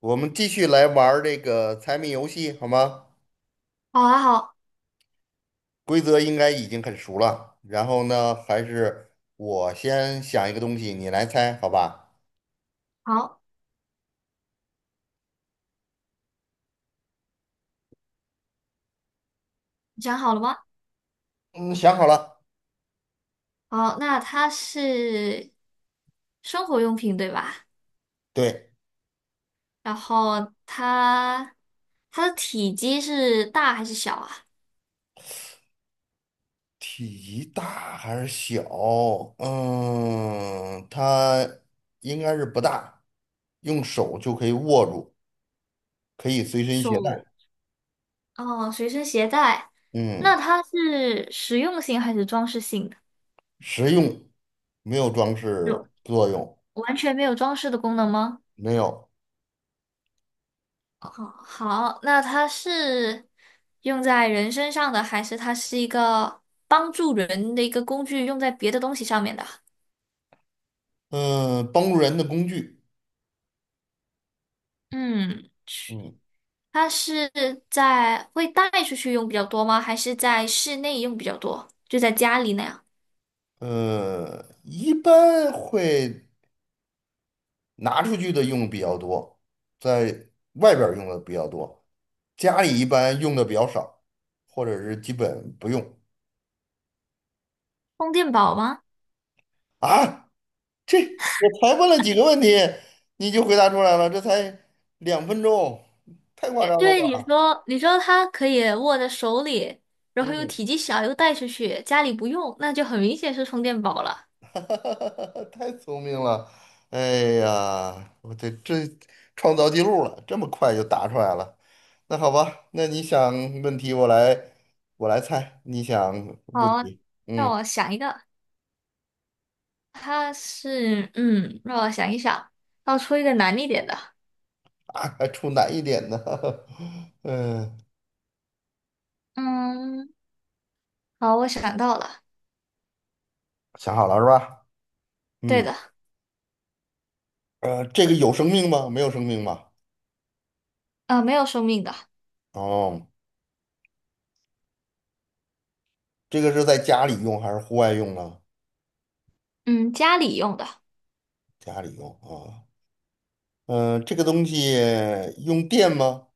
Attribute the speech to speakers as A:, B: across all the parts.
A: 我们继续来玩儿这个猜谜游戏，好吗？
B: 好啊，好，
A: 规则应该已经很熟了。然后呢，还是我先想一个东西，你来猜，好吧？
B: 好，你想好了吗？
A: 嗯，想好了。
B: 好，那它是生活用品对吧？
A: 对，
B: 然后它的体积是大还是小啊？
A: 体积大还是小？它应该是不大，用手就可以握住，可以随身携带。
B: 手，哦，随身携带。那
A: 嗯，
B: 它是实用性还是装饰性的？
A: 实用，没有装
B: 有
A: 饰作用，
B: 完全没有装饰的功能吗？
A: 没有。
B: 好，好，那它是用在人身上的，还是它是一个帮助人的一个工具，用在别的东西上面的？
A: 嗯，帮助人的工具。
B: 嗯。
A: 嗯。
B: 它是在会带出去用比较多吗？还是在室内用比较多？就在家里那样，
A: 一般会拿出去的用比较多，在外边儿用的比较多，家里一般用的比较少，或者是基本不用。
B: 充电宝吗？
A: 啊，这我才问了几个问题，你就回答出来了，这才2分钟，太夸
B: 也
A: 张了
B: 对，你
A: 吧？
B: 说你说它可以握在手里，然后又
A: 嗯
B: 体积小，又带出去，家里不用，那就很明显是充电宝了。
A: 哈，太聪明了！哎呀，我创造记录了，这么快就答出来了。那好吧，那你想问题我来猜，你想不
B: 好，
A: 题，
B: 让
A: 嗯
B: 我想一个，它是让我想一想，要出一个难一点的。
A: 还出难一点的，嗯，
B: 嗯，好，我想到了，
A: 想好了是吧？
B: 对
A: 嗯，
B: 的，
A: 呃，这个有生命吗？没有生命吧？
B: 没有生命的，
A: 哦，这个是在家里用还是户外用啊？
B: 嗯，家里用的，
A: 家里用啊，嗯，这个东西用电吗？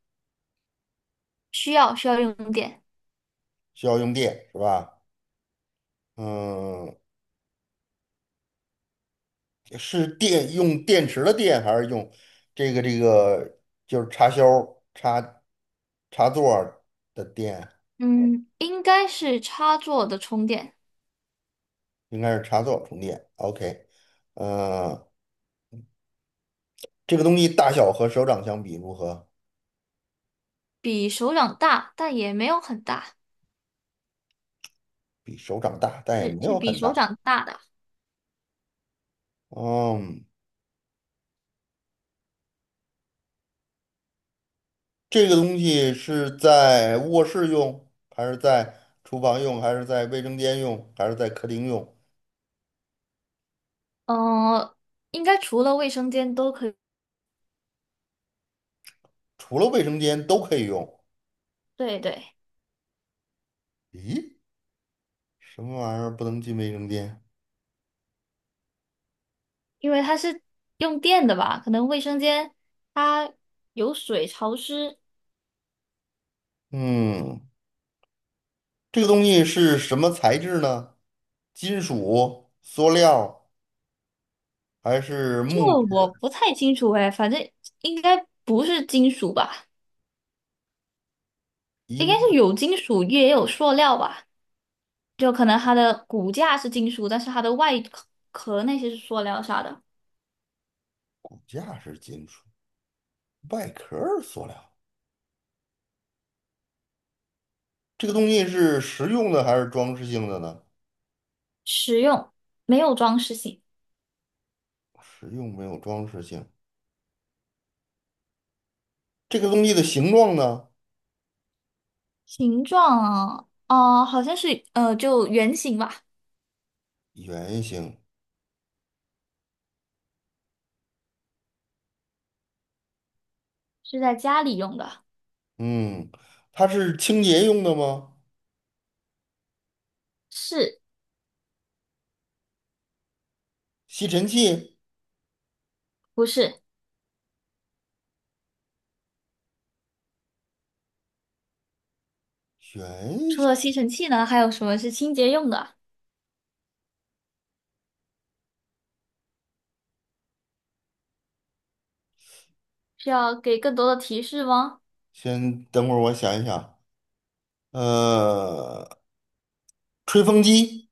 B: 需要用电。
A: 需要用电是吧？嗯，是电用电池的电，还是用这个就是插销插插座儿的电？
B: 嗯，应该是插座的充电，
A: 应该是插座充电。OK，呃，这个东西大小和手掌相比如何？
B: 比手掌大，但也没有很大，
A: 比手掌大，但也
B: 是
A: 没
B: 是
A: 有
B: 比
A: 很
B: 手
A: 大。
B: 掌大的。
A: 嗯，这个东西是在卧室用，还是在厨房用，还是在卫生间用，还是在客厅用？
B: 呃，应该除了卫生间都可以。
A: 除了卫生间都可以用。
B: 对对，
A: 咦，什么玩意儿不能进卫生间？
B: 因为它是用电的吧，可能卫生间它有水潮湿，
A: 嗯。这个东西是什么材质呢？金属、塑料还是
B: 这
A: 木
B: 个我
A: 质？
B: 不太清楚哎，反正应该不是金属吧，应
A: 应
B: 该
A: 该
B: 是有金属也有塑料吧，就可能它的骨架是金属，但是它的外壳那些是塑料啥的。
A: 骨架是金属，外壳儿塑料。这个东西是实用的还是装饰性的呢？
B: 实用，没有装饰性。
A: 实用没有装饰性。这个东西的形状呢？
B: 形状啊，哦，好像是就圆形吧，
A: 圆形。
B: 是在家里用的，
A: 嗯，它是清洁用的吗？
B: 是
A: 吸尘器。
B: 不是？
A: 圆
B: 除
A: 形
B: 了吸尘器呢，还有什么是清洁用的？需要给更多的提示吗？
A: 先等会儿我想一想。呃，吹风机，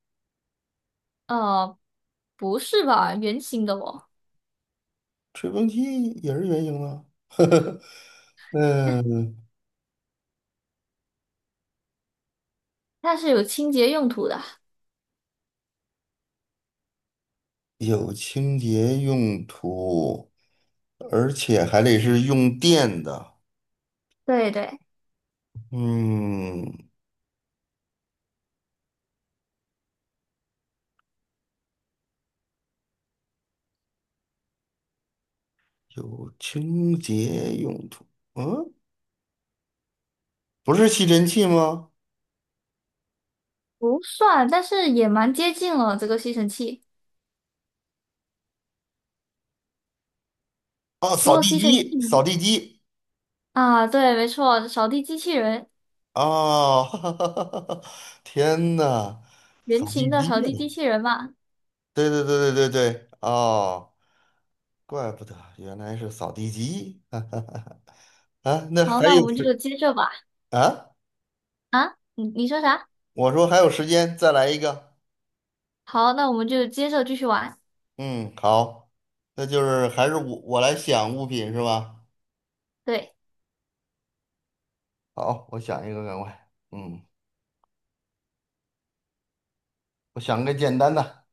B: 呃，不是吧，圆形的哦，
A: 吹风机也是圆形的。嗯，
B: 它是有清洁用途的。
A: 有清洁用途，而且还得是用电的。
B: 对对，
A: 嗯，有清洁用途，嗯，不是吸尘器吗？
B: 不算，但是也蛮接近了这个吸尘器。
A: 哦，
B: 除
A: 扫
B: 了
A: 地
B: 吸尘器
A: 机，扫
B: 呢？
A: 地机
B: 啊，对，没错，扫地机器人，
A: 哦，哈哈哈哈哈！天呐，
B: 圆
A: 扫
B: 形
A: 地
B: 的
A: 机
B: 扫
A: 呀！
B: 地机器人嘛。
A: 对对对对对对，哦，怪不得原来是扫地机，哈哈哈哈！啊，那
B: 好，
A: 还
B: 那我
A: 有
B: 们就
A: 时
B: 接着吧。
A: 啊？
B: 啊，你说啥？
A: 我说还有时间，再来一个。
B: 好，那我们就接着继续玩。
A: 嗯，好，那就是还是我来想物品是吧？
B: 对，
A: 好，我想一个，赶快。嗯，我想个简单的。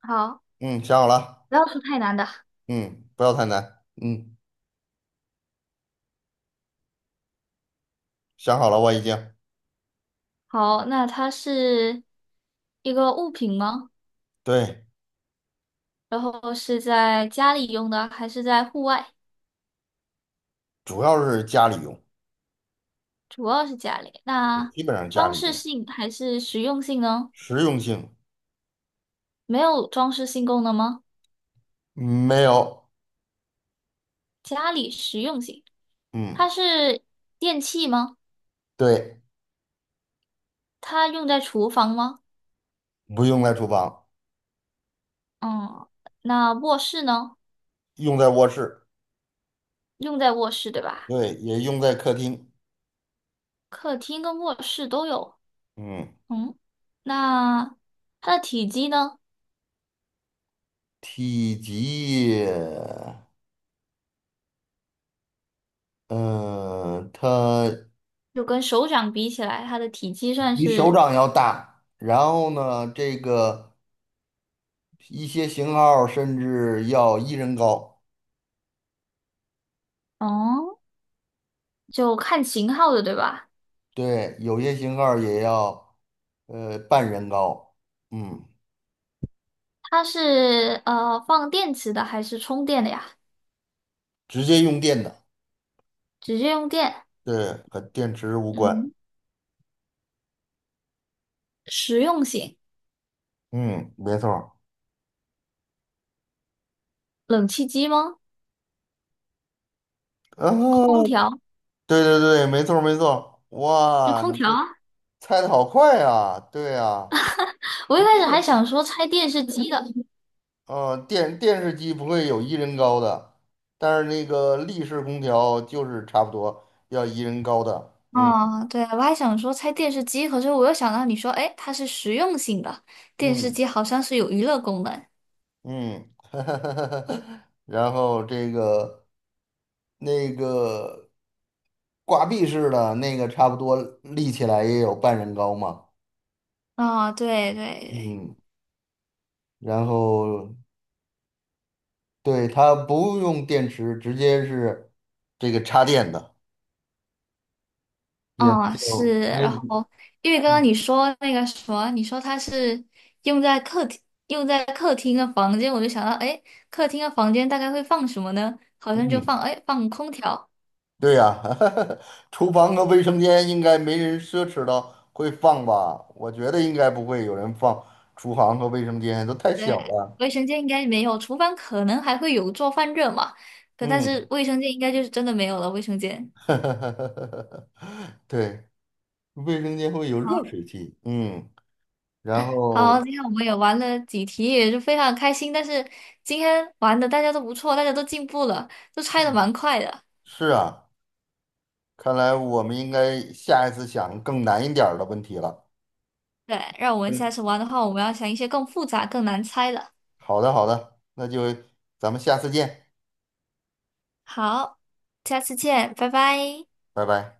B: 好，
A: 嗯，想好了。
B: 不要出太难的。
A: 嗯，不要太难。嗯，想好了，我已经。
B: 好，那它是一个物品吗？
A: 对，
B: 然后是在家里用的，还是在户外？
A: 主要是家里用，
B: 主要是家里。那
A: 基本上家
B: 装
A: 里
B: 饰
A: 用，
B: 性还是实用性呢？
A: 实用性
B: 没有装饰性功能吗？
A: 没有。
B: 家里实用性，
A: 嗯，
B: 它是电器吗？
A: 对，
B: 它用在厨房吗？
A: 不用在厨房，
B: 嗯，那卧室呢？
A: 用在卧室，
B: 用在卧室对吧？
A: 对，也用在客厅。
B: 客厅跟卧室都有。
A: 嗯，
B: 嗯，那它的体积呢？
A: 体积，嗯、它。
B: 就跟手掌比起来，它的体积算
A: 比手
B: 是，
A: 掌要大，然后呢，这个一些型号甚至要一人高，
B: 哦，就看型号的，对吧？
A: 对，有些型号也要呃半人高，嗯，
B: 它是放电池的还是充电的呀？
A: 直接用电的，
B: 直接用电。
A: 对，和电池无关，
B: 嗯，实用型，
A: 嗯，没错儿，
B: 冷气机吗？空
A: 啊，
B: 调，
A: 对对对，没错儿没错儿
B: 就
A: 哇，
B: 空
A: 你
B: 调啊。
A: 猜的好快呀，对啊，
B: 我一开始还想说拆电视机的。
A: 呃，电视机不会有一人高的，但是那个立式空调就是差不多要一人高的，
B: 啊，对啊，我还想说拆电视机，可是我又想到你说，哎，它是实用性的，电视
A: 嗯
B: 机好像是有娱乐功能。
A: 嗯，然后那个挂壁式的那个差不多立起来也有半人高嘛，
B: 啊，对对对
A: 嗯，然后对它不用电池，直接是这个插电的，也没
B: 嗯，
A: 有
B: 是，
A: 没
B: 然后因为刚
A: 嗯。
B: 刚你说那个什么，你说它是用在客厅，用在客厅的房间，我就想到，哎，客厅的房间大概会放什么呢？好像就
A: 嗯
B: 放，哎，放空调，
A: 对呀、厨房和卫生间应该没人奢侈到会放吧？我觉得应该不会有人放厨房和卫生间，都太小
B: 对，
A: 了。
B: 卫生间应该没有，厨房可能还会有做饭热嘛，可但
A: 嗯，
B: 是卫生间应该就是真的没有了，卫生间。
A: 对，卫生间会有热
B: 好，
A: 水器。嗯，然后
B: 好，今天我们也玩了几题，也是非常开心，但是今天玩的大家都不错，大家都进步了，都拆的蛮快的。
A: 是啊，看来我们应该下一次想更难一点儿的问题了。
B: 对，让我们下
A: 嗯，
B: 次玩的话，我们要想一些更复杂、更难猜的。
A: 好的，好的，那就咱们下次见，
B: 好，下次见，拜拜。
A: 拜拜。